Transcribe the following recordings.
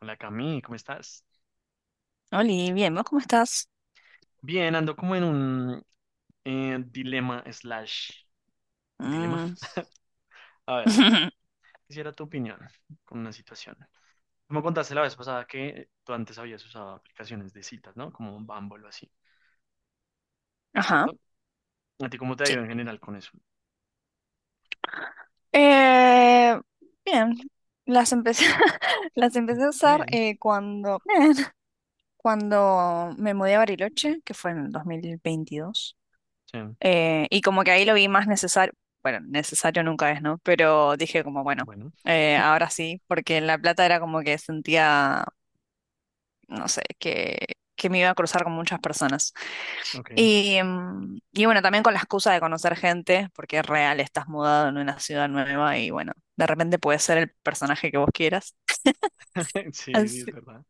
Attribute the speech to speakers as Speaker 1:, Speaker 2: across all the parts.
Speaker 1: Hola Cami, ¿cómo estás?
Speaker 2: Oli, bien, ¿vos cómo estás?
Speaker 1: Bien, ando como en un dilema slash dilema.
Speaker 2: Mm.
Speaker 1: A ver, quisiera tu opinión con una situación. Tú me contaste la vez pasada que tú antes habías usado aplicaciones de citas, ¿no? Como Bumble o así,
Speaker 2: Ajá,
Speaker 1: ¿cierto? ¿A ti cómo te ha
Speaker 2: sí.
Speaker 1: ido en general con eso?
Speaker 2: Eh, Bien, las empecé, las empecé a usar
Speaker 1: Bien.
Speaker 2: cuando, bien, cuando me mudé a Bariloche, que fue en 2022.
Speaker 1: Sí,
Speaker 2: Y como que ahí lo vi más necesario, bueno, necesario nunca es, ¿no? Pero dije como, bueno,
Speaker 1: bueno,
Speaker 2: ahora sí, porque en La Plata era como que sentía, no sé, que, me iba a cruzar con muchas personas.
Speaker 1: ok.
Speaker 2: Y, y bueno, también con la excusa de conocer gente, porque es real, estás mudado en una ciudad nueva y bueno, de repente puedes ser el personaje que vos quieras.
Speaker 1: Sí, es
Speaker 2: Así,
Speaker 1: verdad.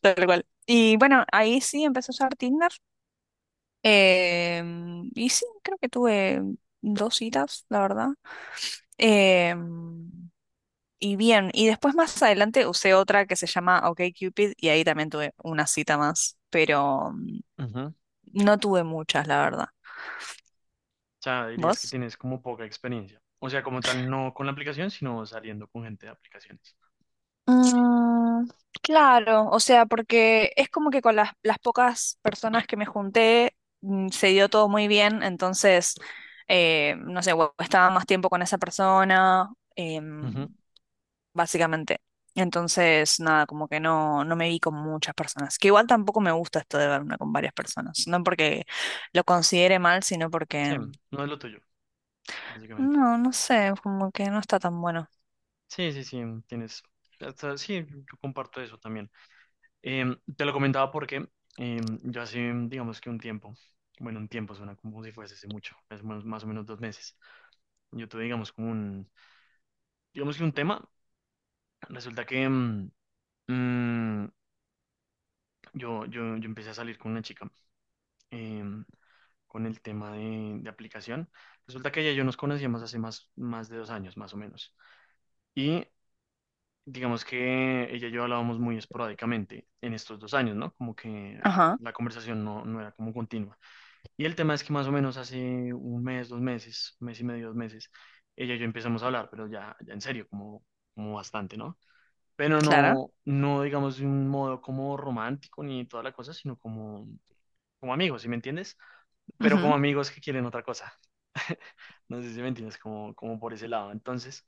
Speaker 2: tal cual. Y bueno, ahí sí empecé a usar Tinder. Y sí, creo que tuve dos citas, la verdad. Em, y bien, y después más adelante usé otra que se llama OkCupid y ahí también tuve una cita más, pero
Speaker 1: Ujú. O
Speaker 2: no tuve muchas, la verdad.
Speaker 1: sea, dirías que
Speaker 2: ¿Vos?
Speaker 1: tienes como poca experiencia. O sea, como tal, no con la aplicación, sino saliendo con gente de aplicaciones.
Speaker 2: Mm, claro, o sea, porque es como que con las pocas personas que me junté mm, se dio todo muy bien, entonces, no sé, o estaba más tiempo con esa persona,
Speaker 1: Ujú.
Speaker 2: básicamente. Entonces, nada, como que no, no me vi con muchas personas, que igual tampoco me gusta esto de verme con varias personas, no porque lo considere mal, sino
Speaker 1: Sí,
Speaker 2: porque,
Speaker 1: no es lo tuyo, básicamente.
Speaker 2: no, no sé, como que no está tan bueno.
Speaker 1: Sí, sí, sí, mm, tienes, hasta- sí, yo comparto eso también. Te lo comentaba porque yo hace, mm, digamos que un tiempo, bueno, un tiempo suena como si fuese hace mucho, es más, más o menos dos meses. Yo tuve, digamos, como un, digamos que un tema, resulta que mm, yo empecé a salir con una chica em, con el tema de aplicación. Resulta que ella y yo nos conocíamos hace más, más de dos años, más o menos. Y digamos que ella y yo hablábamos muy esporádicamente en estos dos años, ¿no? Como que
Speaker 2: Ajá,
Speaker 1: la conversación no, no era como continua. Y el tema es que más o menos hace un mes, dos meses, mes y medio, dos meses, ella y yo empezamos a hablar, pero ya, ya en serio, como, como bastante, ¿no? Pero
Speaker 2: claro.
Speaker 1: no, no digamos de un modo como romántico ni toda la cosa, sino como, como amigos, ¿sí me entiendes? Pero como
Speaker 2: Ujú,
Speaker 1: amigos que quieren otra cosa. No sé si me entiendes, como, como por ese lado. Entonces,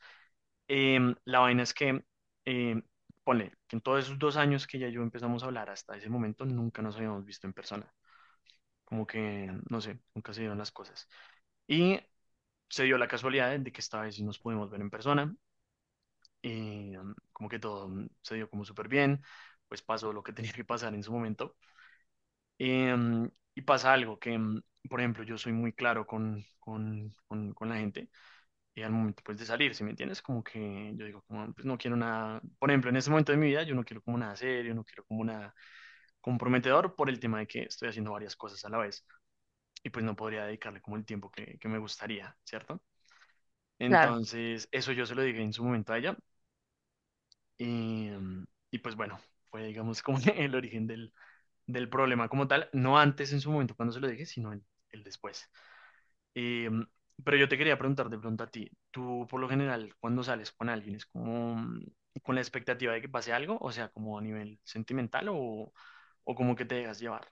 Speaker 1: La vaina es que, em, ponle, que en todos esos dos años que ya yo empezamos a hablar hasta ese momento, nunca nos habíamos visto en persona. Como que, no sé, nunca se dieron las cosas. Y se dio la casualidad de que esta vez sí nos pudimos ver en persona. Y como que todo se dio como súper bien. Pues pasó lo que tenía que pasar en su momento. Em, y pasa algo que, por ejemplo, yo soy muy claro con la gente. Al momento pues de salir, ¿sí me entiendes? Como que yo digo, como, pues no quiero nada, por ejemplo, en este momento de mi vida yo no quiero como nada serio, no quiero como nada comprometedor por el tema de que estoy haciendo varias cosas a la vez y pues no podría dedicarle como el tiempo que me gustaría, ¿cierto?
Speaker 2: claro.
Speaker 1: Entonces, eso yo se lo dije en su momento a ella y, mm, y pues bueno, fue digamos como el origen del, del problema como tal, no antes en su momento cuando se lo dije, sino el después. Eh, pero yo te quería preguntar de pronto a ti, tú por lo general cuando sales con alguien es como mm, con la expectativa de que pase algo, o sea, como a nivel sentimental o como que te dejas llevar.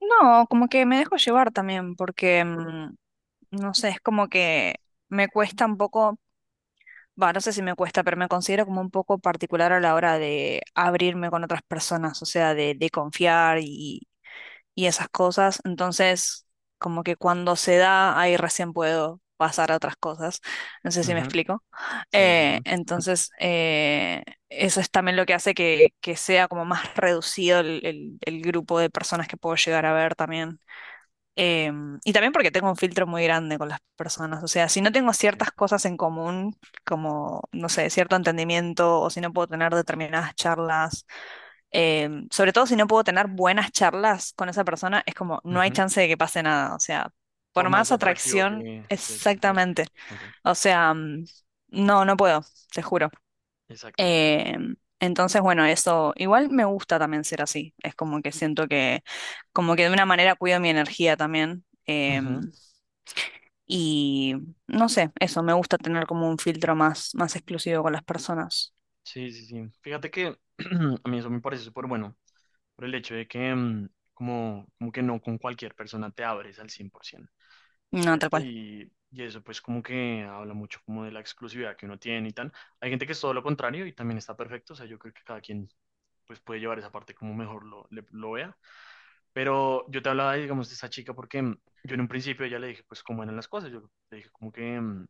Speaker 2: No, como que me dejo llevar también, porque, no sé, es como que me cuesta un poco, va, no sé si me cuesta, pero me considero como un poco particular a la hora de abrirme con otras personas, o sea, de, confiar y esas cosas. Entonces, como que cuando se da, ahí recién puedo pasar a otras cosas. No sé si me
Speaker 1: Ujú,
Speaker 2: explico.
Speaker 1: sí, sí, sí.
Speaker 2: Entonces, eso es también lo que hace que sea como más reducido el, el grupo de personas que puedo llegar a ver también. Eh, y también porque tengo un filtro muy grande con las personas. O sea, si no tengo
Speaker 1: Sí.
Speaker 2: ciertas cosas en común, como, no sé, cierto entendimiento, o si no puedo tener determinadas charlas, sobre todo si no puedo tener buenas charlas con esa persona, es como, no hay
Speaker 1: Ujú.
Speaker 2: chance de que pase nada. O sea,
Speaker 1: Por
Speaker 2: por
Speaker 1: más
Speaker 2: más
Speaker 1: atractivo
Speaker 2: atracción,
Speaker 1: que te parezca.
Speaker 2: exactamente.
Speaker 1: Ok,
Speaker 2: O sea, no, no puedo, te juro.
Speaker 1: exacto.
Speaker 2: Eh, entonces, bueno, eso igual me gusta también ser así. Es como que siento que, como que de una manera cuido mi energía también.
Speaker 1: Ujú,
Speaker 2: Y no sé, eso, me gusta tener como un filtro más, más exclusivo con las personas.
Speaker 1: sí, sí, sí. Fíjate que a mí eso me parece súper bueno, por el hecho de que mm, como, como que no con cualquier persona te abres al 100%.
Speaker 2: No, tal
Speaker 1: ¿Cierto?
Speaker 2: cual.
Speaker 1: Y eso pues como que habla mucho como de la exclusividad que uno tiene y tal. Hay gente que es todo lo contrario y también está perfecto, o sea, yo creo que cada quien pues puede llevar esa parte como mejor lo, le- lo vea. Pero yo te hablaba, digamos, de esa chica porque mm, yo en un principio ya le dije pues cómo eran las cosas, yo le dije como que mm,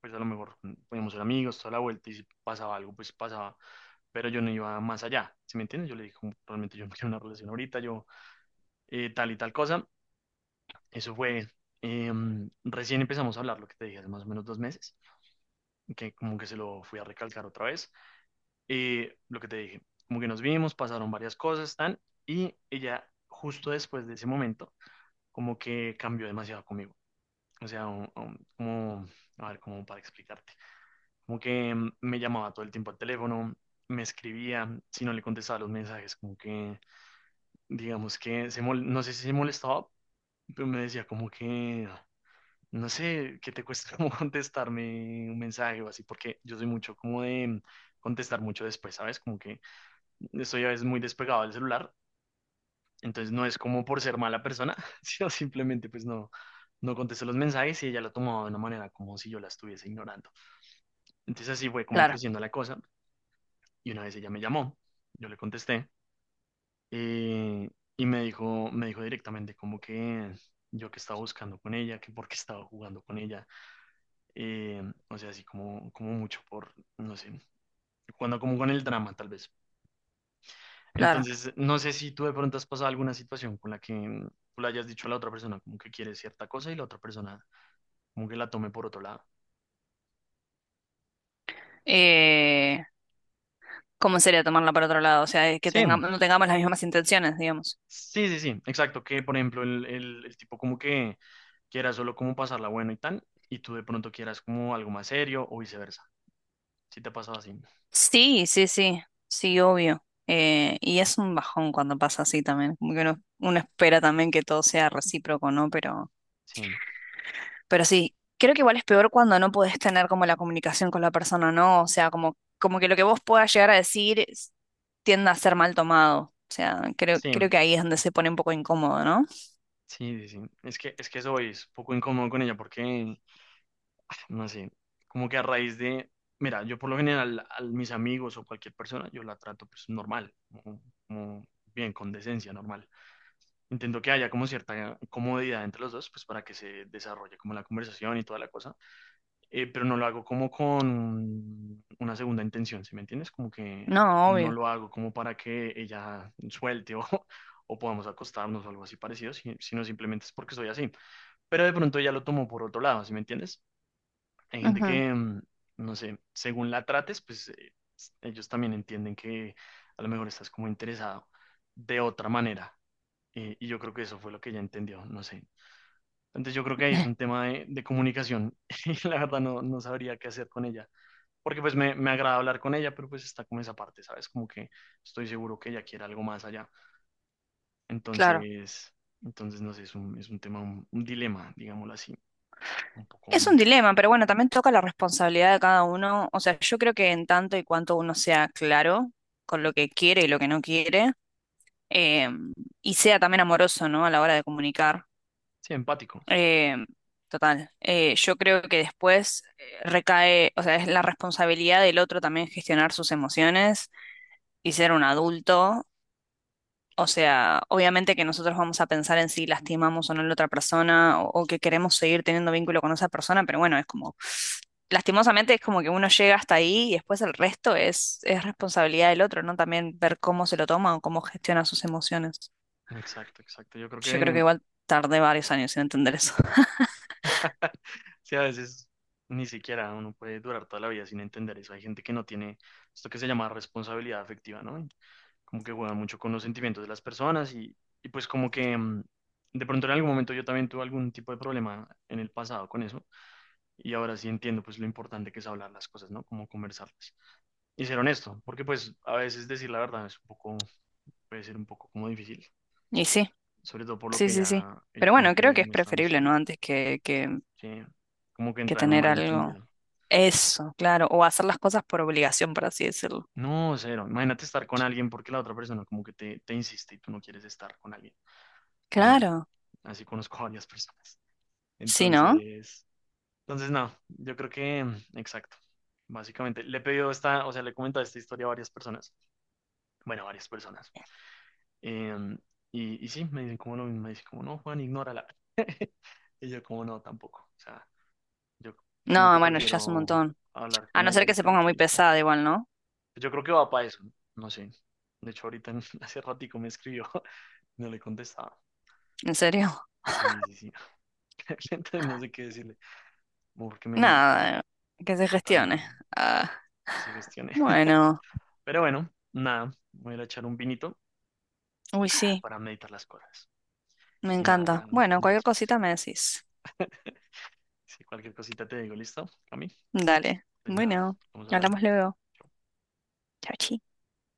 Speaker 1: pues a lo mejor mm, podíamos ser amigos toda la vuelta y si pasaba algo pues pasaba, pero yo no iba más allá, ¿sí me entiendes? Yo le dije como, realmente yo no quiero una relación ahorita, yo tal y tal cosa. Eso fue, recién empezamos a hablar, lo que te dije, hace más o menos dos meses, que como que se lo fui a recalcar otra vez. Lo que te dije, como que nos vimos, pasaron varias cosas, tan, y ella justo después de ese momento, como que cambió demasiado conmigo. O sea, un- como, a ver, como para explicarte, como que me llamaba todo el tiempo al teléfono, me escribía, si no le contestaba los mensajes, como que, digamos que, se mol- no sé si se molestaba, pero me decía como que... No sé qué te cuesta como contestarme un mensaje o así, porque yo soy mucho como de contestar mucho después, ¿sabes? Como que estoy a veces muy despegado del celular, entonces no es como por ser mala persona, sino simplemente pues no, no contesto los mensajes y ella lo tomó de una manera como si yo la estuviese ignorando. Entonces así fue como
Speaker 2: Claro,
Speaker 1: creciendo la cosa y una vez ella me llamó, yo le contesté eh, y me dijo directamente como que yo que estaba buscando con ella, que por qué estaba jugando con ella. Eh, o sea, así como, como mucho por, no sé, cuando como con el drama, tal vez.
Speaker 2: claro.
Speaker 1: Entonces, no sé si tú de pronto has pasado alguna situación con la que mm, tú le hayas dicho a la otra persona como que quiere cierta cosa y la otra persona como que la tome por otro lado.
Speaker 2: Eh, ¿Cómo sería tomarla para otro lado? O sea, que
Speaker 1: Sí,
Speaker 2: tengamos, no tengamos las mismas intenciones, digamos.
Speaker 1: sí, sí, sí, exacto. Que por ejemplo, el tipo como que quiera solo como pasarla bueno y tal, y tú de pronto quieras como algo más serio o viceversa. Si te ha pasado así.
Speaker 2: Sí, sí, sí, sí, obvio. Y es un bajón cuando pasa así también. Como que uno, uno espera también que todo sea recíproco, ¿no? Pero
Speaker 1: Sí,
Speaker 2: Pero sí, creo que igual es peor cuando no podés tener como la comunicación con la persona, ¿no? O sea, como, como que lo que vos puedas llegar a decir es- tiende a ser mal tomado. O sea, creo,
Speaker 1: sí,
Speaker 2: creo que ahí es donde se pone un poco incómodo, ¿no?
Speaker 1: sí, sí, sí. Es que eso es poco incómodo con ella porque no sé, como que a raíz de, mira, yo por lo general a mis amigos o cualquier persona, yo la trato pues normal, como, como bien, con decencia, normal. Intento que haya como cierta comodidad entre los dos, pues para que se desarrolle como la conversación y toda la cosa. Pero no lo hago como con una segunda intención, ¿sí me entiendes? Como que
Speaker 2: No,
Speaker 1: no
Speaker 2: obvio.
Speaker 1: lo hago como para que ella suelte o... o podamos acostarnos o algo así parecido, si- sino simplemente es porque soy así. Pero de pronto ella lo tomó por otro lado, ¿sí me entiendes? Hay gente
Speaker 2: Ujú.
Speaker 1: que, mm, no sé, según la trates, pues s- ellos también entienden que a lo mejor estás como interesado de otra manera. Y yo creo que eso fue lo que ella entendió, no sé. Entonces yo creo que ahí es un tema de comunicación y la verdad no, no sabría qué hacer con ella. Porque pues me agrada hablar con ella, pero pues está como esa parte, ¿sabes? Como que estoy seguro que ella quiere algo más allá.
Speaker 2: Claro.
Speaker 1: Entonces, entonces no sé, es un tema, un dilema, digámoslo así, un poco,
Speaker 2: Es un
Speaker 1: mm,
Speaker 2: dilema, pero bueno, también toca la responsabilidad de cada uno. O sea, yo creo que en tanto y cuanto uno sea claro con lo que quiere y lo que no quiere, eh, y sea también amoroso, ¿no? A la hora de comunicar.
Speaker 1: sí, empático.
Speaker 2: Eh, Total. Yo creo que después recae, o sea, es la responsabilidad del otro también gestionar sus emociones y ser un adulto. O sea, obviamente que nosotros vamos a pensar en si lastimamos o no a la otra persona o que queremos seguir teniendo vínculo con esa persona, pero bueno, es como, lastimosamente es como que uno llega hasta ahí y después el resto es responsabilidad del otro, ¿no? También ver cómo se lo toma o cómo gestiona sus emociones.
Speaker 1: Exacto, exacto. Yo creo
Speaker 2: Yo creo que
Speaker 1: que
Speaker 2: igual tardé varios años en entender eso.
Speaker 1: sí, a veces ni siquiera uno puede durar toda la vida sin entender eso. Hay gente que no tiene esto que se llama responsabilidad afectiva, ¿no? Y como que juega mucho con los sentimientos de las personas y pues como que mm, de pronto en algún momento yo también tuve algún tipo de problema en el pasado con eso y ahora sí entiendo pues lo importante que es hablar las cosas, ¿no? Como conversarlas y ser honesto, porque pues a veces decir la verdad es un poco, puede ser un poco como difícil,
Speaker 2: Y sí.
Speaker 1: sobre todo por lo
Speaker 2: Sí,
Speaker 1: que
Speaker 2: sí, sí.
Speaker 1: ella
Speaker 2: Pero
Speaker 1: como
Speaker 2: bueno,
Speaker 1: que
Speaker 2: creo que es
Speaker 1: me estaba
Speaker 2: preferible,
Speaker 1: mostrando,
Speaker 2: ¿no? Antes
Speaker 1: sí, como que
Speaker 2: que
Speaker 1: entra en un
Speaker 2: tener algo.
Speaker 1: malentendido.
Speaker 2: Eso, claro. O hacer las cosas por obligación, por así decirlo.
Speaker 1: No, cero. Imagínate estar con alguien porque la otra persona como que te insiste y tú no quieres estar con alguien. Pues no,
Speaker 2: Claro.
Speaker 1: así conozco a varias personas.
Speaker 2: Sí, ¿no?
Speaker 1: Entonces, entonces no, yo creo que, mm, exacto. Básicamente, le he pedido esta, o sea, le he comentado esta historia a varias personas. Bueno, a varias personas. Em, y sí, me dicen como lo mismo, me dicen como, no, Juan, ignórala. Y yo como, no, tampoco. O sea, yo como
Speaker 2: No,
Speaker 1: que
Speaker 2: bueno, ya es un
Speaker 1: prefiero
Speaker 2: montón.
Speaker 1: hablar
Speaker 2: A
Speaker 1: con
Speaker 2: no
Speaker 1: ella
Speaker 2: ser que se ponga
Speaker 1: directamente
Speaker 2: muy
Speaker 1: y tal.
Speaker 2: pesada igual, ¿no?
Speaker 1: Yo creo que va para eso, no. No sé. De hecho, ahorita hace ratico me escribió. No le contestaba.
Speaker 2: ¿En serio?
Speaker 1: Sí, sí, sí. Entonces no sé qué decirle. Como porque me...
Speaker 2: Nada, que se gestione.
Speaker 1: Totalmente.
Speaker 2: Ah,
Speaker 1: Que se gestione.
Speaker 2: bueno.
Speaker 1: Pero bueno, nada. Voy a ir a echar un vinito
Speaker 2: Uy, sí,
Speaker 1: para meditar las cosas.
Speaker 2: me
Speaker 1: Y nada, ya,
Speaker 2: encanta. Bueno,
Speaker 1: ya
Speaker 2: cualquier
Speaker 1: después.
Speaker 2: cosita me decís.
Speaker 1: Si cualquier cosita te digo, ¿listo? A mí.
Speaker 2: Dale.
Speaker 1: Pues nada,
Speaker 2: Bueno,
Speaker 1: estamos hablando.
Speaker 2: hablamos luego.
Speaker 1: Chao.
Speaker 2: Chao, chao.